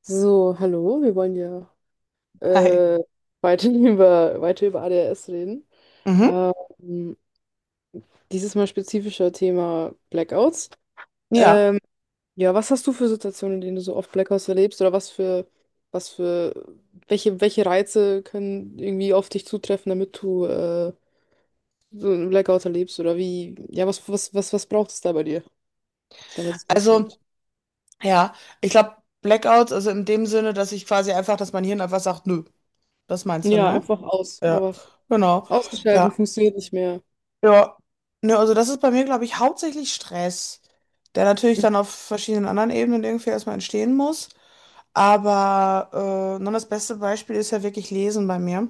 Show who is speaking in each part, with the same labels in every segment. Speaker 1: So, hallo, wir wollen ja
Speaker 2: Hi.
Speaker 1: äh, weiter über ADHS reden.
Speaker 2: Mhm.
Speaker 1: Ähm, Dieses Mal spezifischer Thema Blackouts.
Speaker 2: Ja,
Speaker 1: Ähm, ja, was hast du für Situationen, in denen du so oft Blackouts erlebst oder was für, welche Reize können irgendwie auf dich zutreffen, damit du so einen Blackout erlebst oder wie, ja, was braucht es da bei dir, damit es
Speaker 2: also
Speaker 1: passiert?
Speaker 2: ja, ich glaube Blackouts, also in dem Sinne, dass ich quasi einfach, dass mein Hirn einfach sagt, nö, das meinst du,
Speaker 1: Ja,
Speaker 2: ne?
Speaker 1: einfach aus,
Speaker 2: Ja,
Speaker 1: einfach
Speaker 2: genau.
Speaker 1: ausgeschalten,
Speaker 2: Ja,
Speaker 1: funktioniert nicht mehr.
Speaker 2: ja. Ne, also das ist bei mir, glaube ich, hauptsächlich Stress, der natürlich
Speaker 1: Mhm,
Speaker 2: dann auf verschiedenen anderen Ebenen irgendwie erstmal entstehen muss. Aber nun das beste Beispiel ist ja wirklich Lesen bei mir.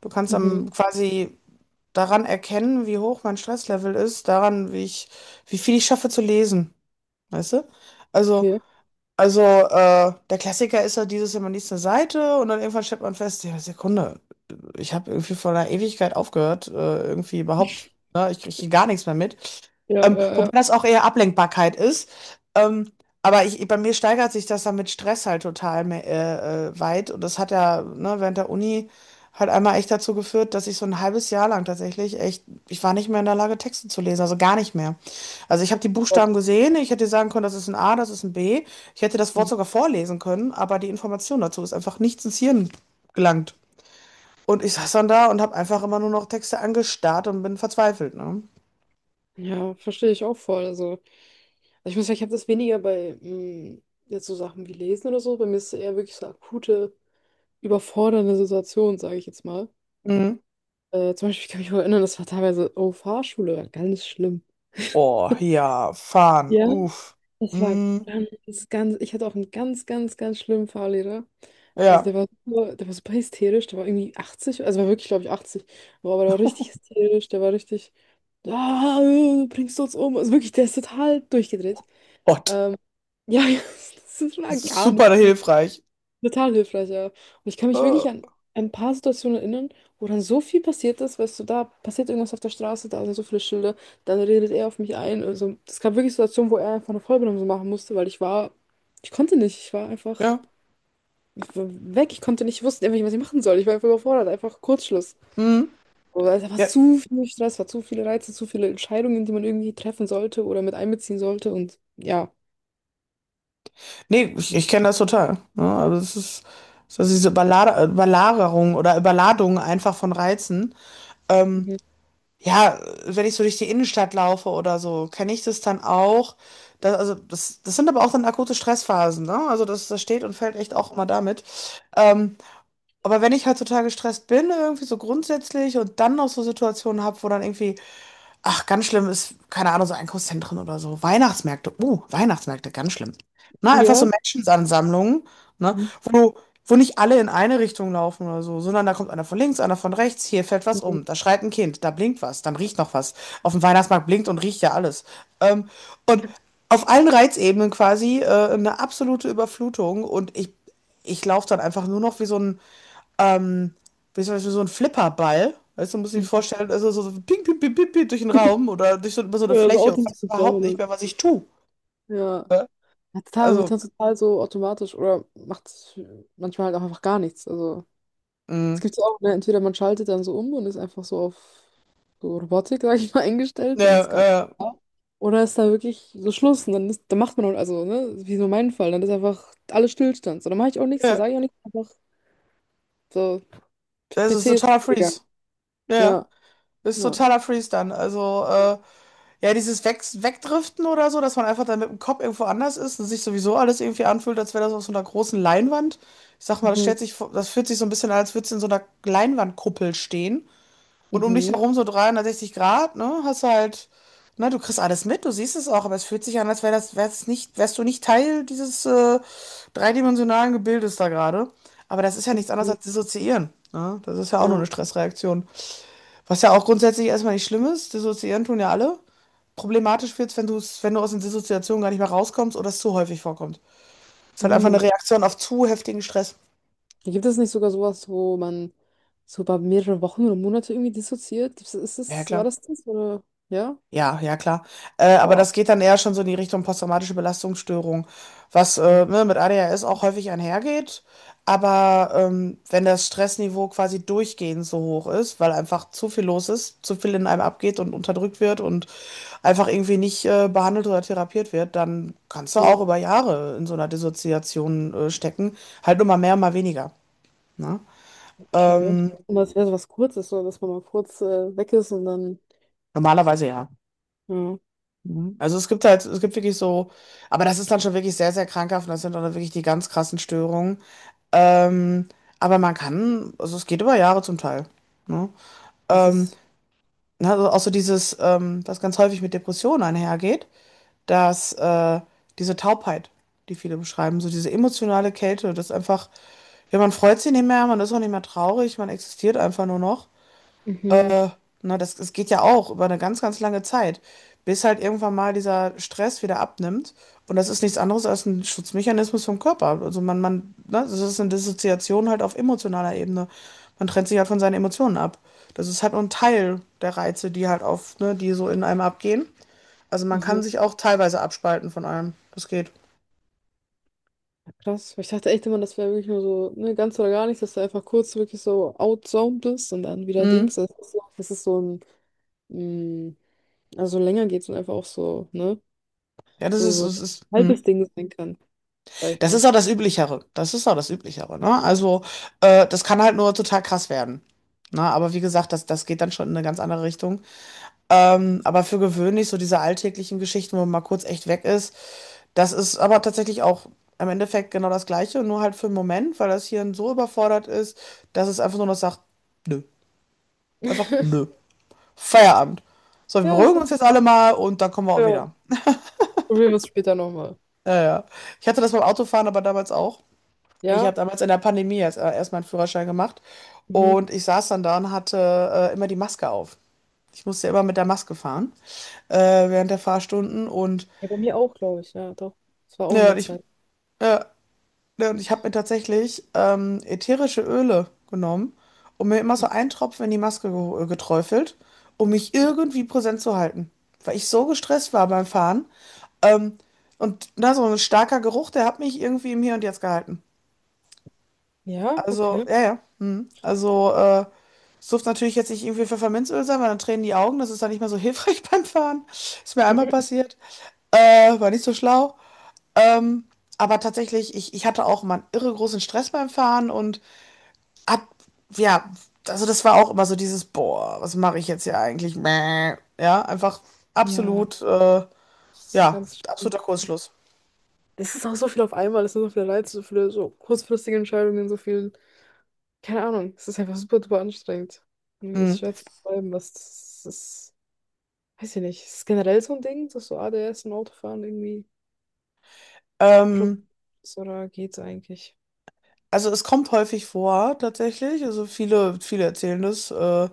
Speaker 2: Du kannst
Speaker 1: mhm,
Speaker 2: am quasi daran erkennen, wie hoch mein Stresslevel ist, daran, wie ich, wie viel ich schaffe zu lesen, weißt du? Also
Speaker 1: okay.
Speaker 2: Also, der Klassiker ist ja dieses, ja, man liest eine Seite und dann irgendwann stellt man fest, ja, Sekunde, ich habe irgendwie vor einer Ewigkeit aufgehört, irgendwie überhaupt, ne, ich kriege gar nichts mehr mit.
Speaker 1: Ja, ja,
Speaker 2: Wobei
Speaker 1: ja.
Speaker 2: das auch eher Ablenkbarkeit ist. Ähm, aber ich, bei mir steigert sich das dann mit Stress halt total weit. Und das hat ja, ne, während der Uni halt einmal echt dazu geführt, dass ich so ein halbes Jahr lang tatsächlich echt, ich war nicht mehr in der Lage, Texte zu lesen, also gar nicht mehr. Also ich habe die
Speaker 1: Gott.
Speaker 2: Buchstaben gesehen, ich hätte sagen können, das ist ein A, das ist ein B. Ich hätte das Wort sogar vorlesen können, aber die Information dazu ist einfach nicht ins Hirn gelangt. Und ich saß dann da und habe einfach immer nur noch Texte angestarrt und bin verzweifelt, ne?
Speaker 1: Ja, verstehe ich auch voll. Also ich muss sagen, ich habe das weniger bei jetzt so Sachen wie Lesen oder so. Bei mir ist es eher wirklich so akute, überfordernde Situation, sage ich jetzt mal.
Speaker 2: Mhm.
Speaker 1: Zum Beispiel, ich kann mich noch erinnern, das war teilweise, oh, Fahrschule, war ganz schlimm.
Speaker 2: Oh, ja, fahren,
Speaker 1: Ja,
Speaker 2: uff.
Speaker 1: das war
Speaker 2: Mhm.
Speaker 1: ganz, ganz, ich hatte auch einen ganz, ganz, ganz schlimmen Fahrlehrer. Also
Speaker 2: Ja.
Speaker 1: der war super hysterisch, der war irgendwie 80, also war wirklich, glaube ich, 80, aber der war richtig hysterisch, der war richtig, ah, bringst du uns um? Also wirklich, der ist total durchgedreht.
Speaker 2: Gott,
Speaker 1: Ähm, Ja, ja, das ist
Speaker 2: das
Speaker 1: mal
Speaker 2: ist
Speaker 1: gar nicht
Speaker 2: super
Speaker 1: gut.
Speaker 2: hilfreich.
Speaker 1: Total hilfreich, ja. Und ich kann mich
Speaker 2: Äh,
Speaker 1: wirklich an ein paar Situationen erinnern, wo dann so viel passiert ist, weißt du, da passiert irgendwas auf der Straße, da sind so viele Schilder, dann redet er auf mich ein. Also, es gab wirklich Situationen, wo er einfach eine Vollbremsung machen musste, weil ich war, ich konnte nicht, ich war einfach
Speaker 2: ja.
Speaker 1: ich war weg, ich konnte nicht, ich wusste einfach nicht, was ich machen soll. Ich war einfach überfordert, einfach Kurzschluss.
Speaker 2: Mhm.
Speaker 1: Oder es war
Speaker 2: Ja.
Speaker 1: zu viel Stress, war zu viele Reize, zu viele Entscheidungen, die man irgendwie treffen sollte oder mit einbeziehen sollte und ja.
Speaker 2: Nee, ich
Speaker 1: Ja.
Speaker 2: kenne das total. Ja, also es ist diese Überlader- Überlagerung oder Überladung einfach von Reizen. Ähm,
Speaker 1: Mhm.
Speaker 2: Ja, wenn ich so durch die Innenstadt laufe oder so, kenne ich das dann auch. Das, also das, das sind aber auch dann akute Stressphasen, ne? Also das, das steht und fällt echt auch immer damit. Ähm, aber wenn ich halt total gestresst bin, irgendwie so grundsätzlich und dann noch so Situationen habe, wo dann irgendwie. Ach, ganz schlimm ist, keine Ahnung, so Einkaufszentren oder so. Weihnachtsmärkte, Weihnachtsmärkte, ganz schlimm. Na, einfach so
Speaker 1: Ja.
Speaker 2: Menschenansammlungen, ne, wo, wo nicht alle in eine Richtung laufen oder so, sondern da kommt einer von links, einer von rechts, hier fällt was um, da schreit ein Kind, da blinkt was, dann riecht noch was. Auf dem Weihnachtsmarkt blinkt und riecht ja alles. Ähm, und auf allen Reizebenen quasi eine absolute Überflutung und ich laufe dann einfach nur noch wie so ein ähm, wie zum Beispiel so ein Flipperball. Weißt du, muss ich mir
Speaker 1: Mhm.
Speaker 2: vorstellen, also so, so ping, ping, ping, ping, ping durch den Raum oder durch so, über so eine
Speaker 1: Ja, so
Speaker 2: Fläche und weiß
Speaker 1: Autoscooter
Speaker 2: überhaupt
Speaker 1: oder
Speaker 2: nicht
Speaker 1: so.
Speaker 2: mehr, was ich tue.
Speaker 1: Ja.
Speaker 2: Ja?
Speaker 1: Ja, total, man wird
Speaker 2: Also,
Speaker 1: dann total so automatisch oder macht manchmal halt auch einfach gar nichts. Also
Speaker 2: mh,
Speaker 1: es gibt ja auch, ne, entweder man schaltet dann so um und ist einfach so auf so Robotik, sag ich mal, eingestellt und ist gar nicht
Speaker 2: ja,
Speaker 1: da. Oder ist da wirklich so Schluss und dann, ist, dann macht man, auch- also, ne, wie so mein Fall, dann ist einfach alles Stillstand. So, dann mache ich auch nichts, dann
Speaker 2: ja,
Speaker 1: sage ich auch nichts, einfach so,
Speaker 2: das ist
Speaker 1: PC ist
Speaker 2: totaler
Speaker 1: ausgegangen.
Speaker 2: Freeze. Ja,
Speaker 1: Ja,
Speaker 2: das ist
Speaker 1: ja.
Speaker 2: totaler Freeze dann. Also,
Speaker 1: Ja.
Speaker 2: ja, dieses Wegdriften oder so, dass man einfach dann mit dem Kopf irgendwo anders ist und sich sowieso alles irgendwie anfühlt, als wäre das auf so einer großen Leinwand. Ich sag mal, das
Speaker 1: Mhm.
Speaker 2: stellt sich, vor- das fühlt sich so ein bisschen an, als würde es in so einer Leinwandkuppel stehen. Und um dich
Speaker 1: Mhm.
Speaker 2: herum so 360 Grad, ne? Hast du halt, ne, du kriegst alles mit, du siehst es auch, aber es fühlt sich an, als wär das, wär's nicht, wärst du nicht Teil dieses dreidimensionalen Gebildes da gerade. Aber das ist ja
Speaker 1: Mhm.
Speaker 2: nichts anderes
Speaker 1: Mhm.
Speaker 2: als dissoziieren. Ne? Das ist ja auch nur
Speaker 1: Ja.
Speaker 2: eine Stressreaktion. Was ja auch grundsätzlich erstmal nicht schlimm ist, dissoziieren tun ja alle. Problematisch wird's, wenn du aus den Dissoziationen gar nicht mehr rauskommst oder es zu häufig vorkommt. Es ist halt einfach
Speaker 1: Mhm.
Speaker 2: eine Reaktion auf zu heftigen Stress.
Speaker 1: Gibt es nicht sogar sowas, wo man so über mehrere Wochen oder Monate irgendwie dissoziiert? Gibt's, ist
Speaker 2: Ja,
Speaker 1: es, war
Speaker 2: klar.
Speaker 1: das das? Oder ja?
Speaker 2: Ja, ja, klar. Aber
Speaker 1: Boah.
Speaker 2: das geht dann eher schon so in die Richtung posttraumatische Belastungsstörung, was ne, mit ADHS auch häufig einhergeht. Aber wenn das Stressniveau quasi durchgehend so hoch ist, weil einfach zu viel los ist, zu viel in einem abgeht und unterdrückt wird und einfach irgendwie nicht behandelt oder therapiert wird, dann kannst du
Speaker 1: Hm,
Speaker 2: auch über Jahre in so einer Dissoziation stecken. Halt nur mal mehr, mal weniger. Ne?
Speaker 1: okay.
Speaker 2: Ähm,
Speaker 1: Und das wäre so was Kurzes, so dass man mal kurz weg ist und dann,
Speaker 2: Normalerweise ja.
Speaker 1: ja,
Speaker 2: Also es gibt halt, es gibt wirklich so, aber das ist dann schon wirklich sehr, sehr krankhaft und das sind dann wirklich die ganz krassen Störungen. Ähm, aber man kann, also es geht über Jahre zum Teil. Ne?
Speaker 1: das
Speaker 2: Ähm,
Speaker 1: ist.
Speaker 2: na, also auch so dieses, was ganz häufig mit Depressionen einhergeht, dass diese Taubheit, die viele beschreiben, so diese emotionale Kälte, das ist einfach, ja, man freut sich nicht mehr, man ist auch nicht mehr traurig, man existiert einfach nur noch.
Speaker 1: Mhm,
Speaker 2: Na, das, das geht ja auch über eine ganz, ganz lange Zeit, bis halt irgendwann mal dieser Stress wieder abnimmt. Und das ist nichts anderes als ein Schutzmechanismus vom Körper. Also man, ne, das ist eine Dissoziation halt auf emotionaler Ebene. Man trennt sich halt von seinen Emotionen ab. Das ist halt nur ein Teil der Reize, die halt auf, ne, die so in einem abgehen. Also man
Speaker 1: mhm.
Speaker 2: kann sich auch teilweise abspalten von allem. Das geht.
Speaker 1: Ja, krass. Weil ich dachte echt immer, das wäre wirklich nur so, ne, ganz oder gar nichts, dass du einfach kurz wirklich so outzoomed bist und dann wieder
Speaker 2: Mhm.
Speaker 1: Dings. Das ist so ein, mh, also länger geht's und einfach auch so, ne?
Speaker 2: Ja, das
Speaker 1: So,
Speaker 2: ist,
Speaker 1: so
Speaker 2: es ist,
Speaker 1: ein halbes
Speaker 2: mhm.
Speaker 1: Ding sein kann, sag ich
Speaker 2: Das
Speaker 1: mal.
Speaker 2: ist auch das Üblichere. Das ist auch das Üblichere, ne? Also, das kann halt nur total krass werden. Ne? Aber wie gesagt, das, das geht dann schon in eine ganz andere Richtung. Aber für gewöhnlich, so diese alltäglichen Geschichten, wo man mal kurz echt weg ist, das ist aber tatsächlich auch im Endeffekt genau das Gleiche, nur halt für einen Moment, weil das Hirn so überfordert ist, dass es einfach nur noch sagt, nö. Einfach nö. Feierabend. So, wir
Speaker 1: Ja, das
Speaker 2: beruhigen uns jetzt alle mal und dann kommen wir auch
Speaker 1: ja,
Speaker 2: wieder.
Speaker 1: probieren wir es später nochmal.
Speaker 2: Ja, ja. Ich hatte das beim Autofahren aber damals auch. Ich
Speaker 1: Ja?
Speaker 2: habe damals in der Pandemie erst meinen Führerschein gemacht
Speaker 1: Mhm.
Speaker 2: und ich saß dann da und hatte immer die Maske auf. Ich musste ja immer mit der Maske fahren äh, während der Fahrstunden und,
Speaker 1: Ja, bei mir auch, glaube ich. Ja, doch. Das war auch in
Speaker 2: ja, und
Speaker 1: der
Speaker 2: ich,
Speaker 1: Zeit.
Speaker 2: ja, ja, und ich habe mir tatsächlich ätherische Öle genommen und mir immer so einen Tropfen in die Maske ge geträufelt, um mich irgendwie präsent zu halten, weil ich so gestresst war beim Fahren. Ähm, und na, so ein starker Geruch, der hat mich irgendwie im Hier und Jetzt gehalten.
Speaker 1: Ja,
Speaker 2: Also,
Speaker 1: okay.
Speaker 2: ja, ja. Mhm. Also, es durfte natürlich jetzt nicht irgendwie Pfefferminzöl sein, weil dann tränen die Augen. Das ist dann nicht mehr so hilfreich beim Fahren. Ist mir einmal passiert. War nicht so schlau. Ähm, aber tatsächlich, ich hatte auch immer einen irre großen Stress beim Fahren und hab, ja, also das war auch immer so dieses, boah, was mache ich jetzt hier eigentlich? Mäh. Ja, einfach
Speaker 1: Ja,
Speaker 2: absolut, äh,
Speaker 1: das ist
Speaker 2: ja,
Speaker 1: ganz schön.
Speaker 2: absoluter Kursschluss.
Speaker 1: Das ist auch so viel auf einmal, das sind so viele Reize, so viele so kurzfristige Entscheidungen, so viel, keine Ahnung, es ist einfach super, super anstrengend. Irgendwie ist
Speaker 2: Mhm.
Speaker 1: schwer zu beschreiben, was das ist, weiß ich nicht, ist generell so ein Ding, dass so ADS und Autofahren irgendwie Problem
Speaker 2: Ähm,
Speaker 1: ist oder geht's eigentlich?
Speaker 2: also es kommt häufig vor, tatsächlich. Also viele, viele erzählen das.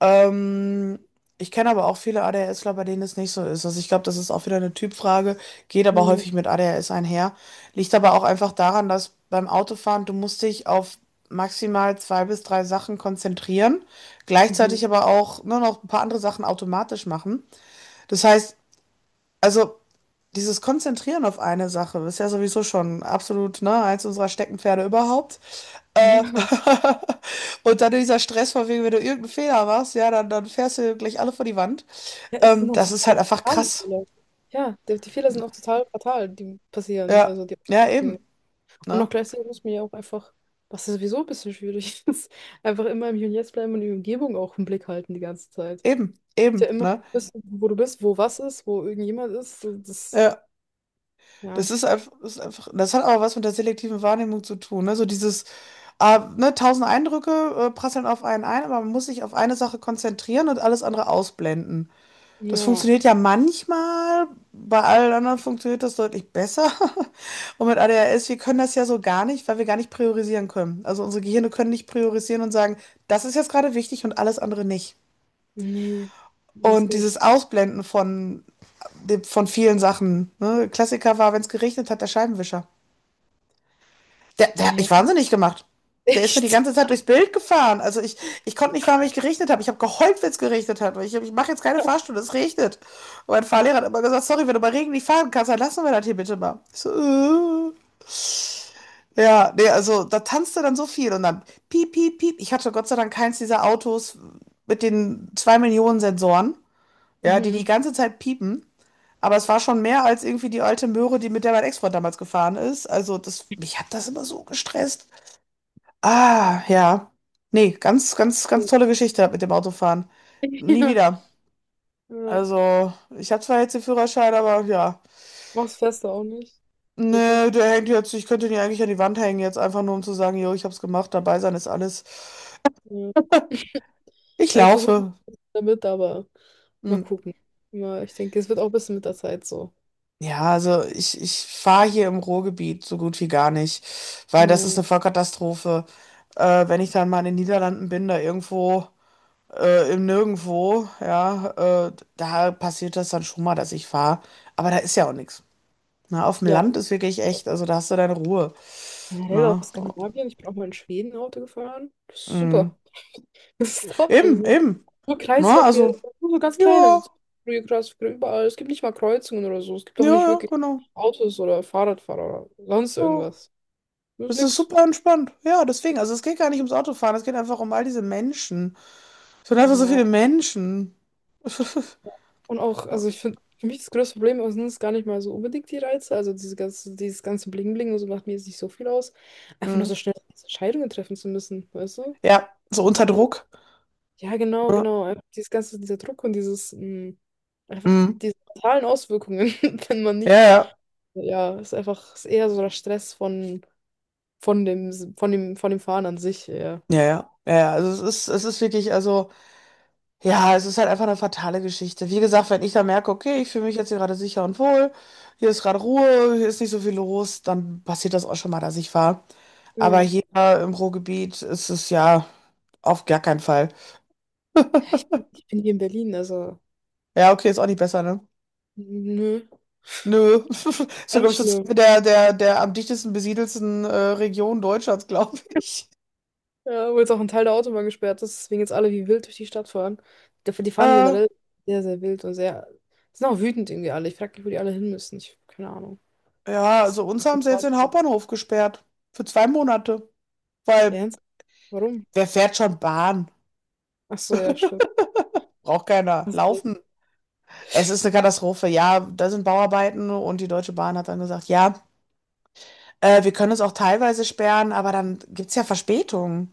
Speaker 2: Ähm, Ich kenne aber auch viele ADHSler, bei denen es nicht so ist. Also ich glaube, das ist auch wieder eine Typfrage, geht aber
Speaker 1: Mhm.
Speaker 2: häufig mit ADHS einher. Liegt aber auch einfach daran, dass beim Autofahren du musst dich auf maximal zwei bis drei Sachen konzentrieren,
Speaker 1: Mhm.
Speaker 2: gleichzeitig aber auch nur noch ein paar andere Sachen automatisch machen. Das heißt, also dieses Konzentrieren auf eine Sache ist ja sowieso schon absolut, ne, eins unserer Steckenpferde überhaupt. Äh,
Speaker 1: Ja.
Speaker 2: und dann dieser Stress von wegen, wenn du irgendeinen Fehler machst, ja, dann, dann fährst du gleich alle vor die Wand.
Speaker 1: Ja, es sind auch
Speaker 2: Das ist halt
Speaker 1: totale
Speaker 2: einfach
Speaker 1: fatale
Speaker 2: krass.
Speaker 1: Fehler. Ja, die, die Fehler sind auch total fatal, die passieren.
Speaker 2: Ja,
Speaker 1: Also die
Speaker 2: ja, eben,
Speaker 1: und auch
Speaker 2: ne?
Speaker 1: gleichzeitig muss man ja auch einfach, was ja sowieso ein bisschen schwierig ist, einfach immer im Hier und Jetzt bleiben und die Umgebung auch im Blick halten die ganze Zeit. Ist
Speaker 2: Eben, eben,
Speaker 1: ja immer
Speaker 2: ne?
Speaker 1: wissen, wo du bist, wo was ist, wo irgendjemand ist. Und das,
Speaker 2: Ja, das
Speaker 1: ja.
Speaker 2: ist einfach, das hat aber was mit der selektiven Wahrnehmung zu tun, ne? So dieses, ah, ne, tausend Eindrücke, prasseln auf einen ein, aber man muss sich auf eine Sache konzentrieren und alles andere ausblenden. Das
Speaker 1: Ja.
Speaker 2: funktioniert ja manchmal, bei allen anderen funktioniert das deutlich besser. Und mit ADHS, wir können das ja so gar nicht, weil wir gar nicht priorisieren können. Also unsere Gehirne können nicht priorisieren und sagen, das ist jetzt gerade wichtig und alles andere nicht.
Speaker 1: Nee. Nee, es
Speaker 2: Und
Speaker 1: geht echt.
Speaker 2: dieses Ausblenden von, de- von vielen Sachen. Ne? Klassiker war, wenn es geregnet hat, der Scheibenwischer. Der, der
Speaker 1: Ah,
Speaker 2: hat
Speaker 1: ja.
Speaker 2: mich wahnsinnig gemacht. Der ist mir die
Speaker 1: Echt?
Speaker 2: ganze Zeit durchs Bild gefahren. Also ich konnte nicht fahren, weil ich geregnet habe. Ich habe geheult, wenn es geregnet hat. Weil ich mache jetzt keine Fahrstunde, es regnet. Und mein Fahrlehrer hat immer gesagt, sorry, wenn du bei Regen nicht fahren kannst, dann lassen wir das hier bitte mal. Ich so. Ja, nee, also da tanzte dann so viel und dann piep, piep, piep. Ich hatte Gott sei Dank keins dieser Autos mit den 2 Millionen Sensoren, ja, die die
Speaker 1: Mhm.
Speaker 2: ganze Zeit piepen. Aber es war schon mehr als irgendwie die alte Möhre, die mit der mein Ex-Freund damals gefahren ist. Also das, mich hat das immer so gestresst. Ah, ja. Nee, ganz, ganz, ganz
Speaker 1: Ja.
Speaker 2: tolle Geschichte mit dem Autofahren. Nie
Speaker 1: Ja.
Speaker 2: wieder.
Speaker 1: Ja.
Speaker 2: Also, ich habe zwar jetzt den Führerschein, aber ja.
Speaker 1: Mach's fester auch nicht.
Speaker 2: Nee,
Speaker 1: Wirklich.
Speaker 2: der hängt jetzt, ich könnte ihn ja eigentlich an die Wand hängen, jetzt einfach nur um zu sagen, jo, ich hab's gemacht, dabei sein ist alles.
Speaker 1: Ja.
Speaker 2: Ich
Speaker 1: Ja, ich versuche
Speaker 2: laufe.
Speaker 1: damit, aber mal
Speaker 2: Hm.
Speaker 1: gucken. Ja, ich denke, es wird auch ein bisschen mit der Zeit so.
Speaker 2: Ja, also ich fahre hier im Ruhrgebiet so gut wie gar nicht, weil das ist
Speaker 1: Ja,
Speaker 2: eine Vollkatastrophe. Wenn ich dann mal in den Niederlanden bin, da irgendwo. Im Nirgendwo, ja, da passiert das dann schon mal, dass ich fahre. Aber da ist ja auch nichts. Na, auf dem
Speaker 1: ja,
Speaker 2: Land ist wirklich echt, also da hast du deine Ruhe.
Speaker 1: generell auch
Speaker 2: Na,
Speaker 1: Skandinavien. Ich bin auch mal in Schweden Auto gefahren. Das ist
Speaker 2: mm.
Speaker 1: super. Das ist top. Das ist
Speaker 2: Eben,
Speaker 1: so
Speaker 2: eben.
Speaker 1: nur
Speaker 2: Na,
Speaker 1: Kreisverkehr,
Speaker 2: also,
Speaker 1: nur so ganz kleine also
Speaker 2: ja,
Speaker 1: Kreisverkehr überall. Es gibt nicht mal Kreuzungen oder so. Es gibt
Speaker 2: ja,
Speaker 1: auch nicht
Speaker 2: ja,
Speaker 1: wirklich
Speaker 2: genau.
Speaker 1: Autos oder Fahrradfahrer oder sonst
Speaker 2: Ja.
Speaker 1: irgendwas. Das ist
Speaker 2: Es ist
Speaker 1: nix.
Speaker 2: super entspannt. Ja, deswegen, also es geht gar nicht ums Autofahren, es geht einfach um all diese Menschen. Es sind einfach so
Speaker 1: Ja,
Speaker 2: viele Menschen.
Speaker 1: und auch, also ich finde, für mich das größte Problem sind es gar nicht mal so unbedingt die Reize. Also diese ganze, dieses ganze Bling-Bling und so macht mir jetzt nicht so viel aus. Einfach nur so
Speaker 2: Mhm.
Speaker 1: schnell Entscheidungen treffen zu müssen, weißt du?
Speaker 2: Ja, so unter
Speaker 1: So.
Speaker 2: Druck.
Speaker 1: Ja, genau,
Speaker 2: Ne?
Speaker 1: genau. Einfach dieses ganze, dieser Druck und dieses, einfach
Speaker 2: Mhm.
Speaker 1: diese mentalen Auswirkungen, wenn man
Speaker 2: Ja,
Speaker 1: nicht,
Speaker 2: ja,
Speaker 1: ja, ist einfach, ist eher so der Stress von, von dem Fahren an sich, ja.
Speaker 2: ja, ja, ja. Ja. Also es ist wirklich, also. Ja, es ist halt einfach eine fatale Geschichte. Wie gesagt, wenn ich da merke, okay, ich fühle mich jetzt hier gerade sicher und wohl, hier ist gerade Ruhe, hier ist nicht so viel los, dann passiert das auch schon mal, dass ich fahre. Aber
Speaker 1: Ja,
Speaker 2: hier im Ruhrgebiet ist es ja auf gar keinen Fall.
Speaker 1: ja, bin- ich bin hier in Berlin, also,
Speaker 2: Ja, okay, ist auch nicht besser, ne?
Speaker 1: nö,
Speaker 2: Nö. So, glaube
Speaker 1: ganz
Speaker 2: ich, so
Speaker 1: schlimm.
Speaker 2: zwei der, der, der am dichtesten besiedelsten Region Deutschlands, glaube ich.
Speaker 1: Ja, wo jetzt auch ein Teil der Autobahn gesperrt ist, deswegen jetzt alle wie wild durch die Stadt fahren. Die, die fahren
Speaker 2: Äh,
Speaker 1: generell sehr, sehr wild und sehr. Sind auch wütend irgendwie alle. Ich frage mich, wo die alle hin müssen. Ich, keine Ahnung.
Speaker 2: ja,
Speaker 1: Das
Speaker 2: also uns haben
Speaker 1: ist
Speaker 2: sie jetzt
Speaker 1: Spaß.
Speaker 2: den
Speaker 1: Ja,
Speaker 2: Hauptbahnhof gesperrt. Für 2 Monate. Weil
Speaker 1: ernst? Warum?
Speaker 2: wer fährt schon Bahn?
Speaker 1: Ach so, ja, stimmt.
Speaker 2: Braucht keiner.
Speaker 1: Also,
Speaker 2: Laufen. Es ist eine Katastrophe, ja, da sind Bauarbeiten und die Deutsche Bahn hat dann gesagt, ja, wir können es auch teilweise sperren, aber dann gibt es ja Verspätungen.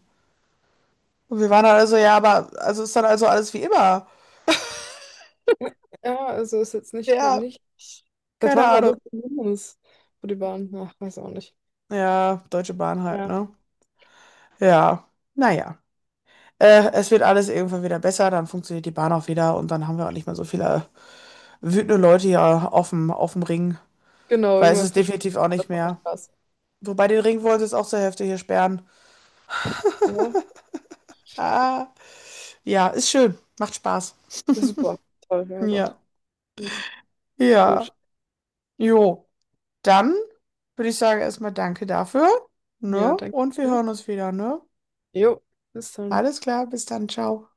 Speaker 2: Und wir waren dann also, ja, aber also ist dann also alles wie immer.
Speaker 1: ja, also ist jetzt nicht,
Speaker 2: Ja,
Speaker 1: nicht. Seit
Speaker 2: keine
Speaker 1: wann war
Speaker 2: Ahnung.
Speaker 1: das ein Hindernis für die Bahn? Ach, weiß auch nicht.
Speaker 2: Ja, Deutsche Bahn halt,
Speaker 1: Ja.
Speaker 2: ne? Ja, naja. Es wird alles irgendwann wieder besser, dann funktioniert die Bahn auch wieder und dann haben wir auch nicht mehr so viele wütende Leute hier auf dem Ring,
Speaker 1: Genau,
Speaker 2: weil es
Speaker 1: irgendwann
Speaker 2: ist definitiv
Speaker 1: verschwinden
Speaker 2: auch
Speaker 1: alle
Speaker 2: nicht
Speaker 1: von der
Speaker 2: mehr.
Speaker 1: Straße.
Speaker 2: Wobei den Ring wollen sie jetzt auch zur Hälfte hier sperren.
Speaker 1: Ja,
Speaker 2: Ah, ja, ist schön, macht Spaß.
Speaker 1: super. Toll, ja, doch.
Speaker 2: Ja,
Speaker 1: Ja,
Speaker 2: ja.
Speaker 1: gut.
Speaker 2: Jo, dann würde ich sagen erstmal danke dafür,
Speaker 1: Ja,
Speaker 2: ne?
Speaker 1: danke
Speaker 2: Und wir
Speaker 1: dir.
Speaker 2: hören uns wieder, ne?
Speaker 1: Jo, bis dann.
Speaker 2: Alles klar, bis dann, ciao.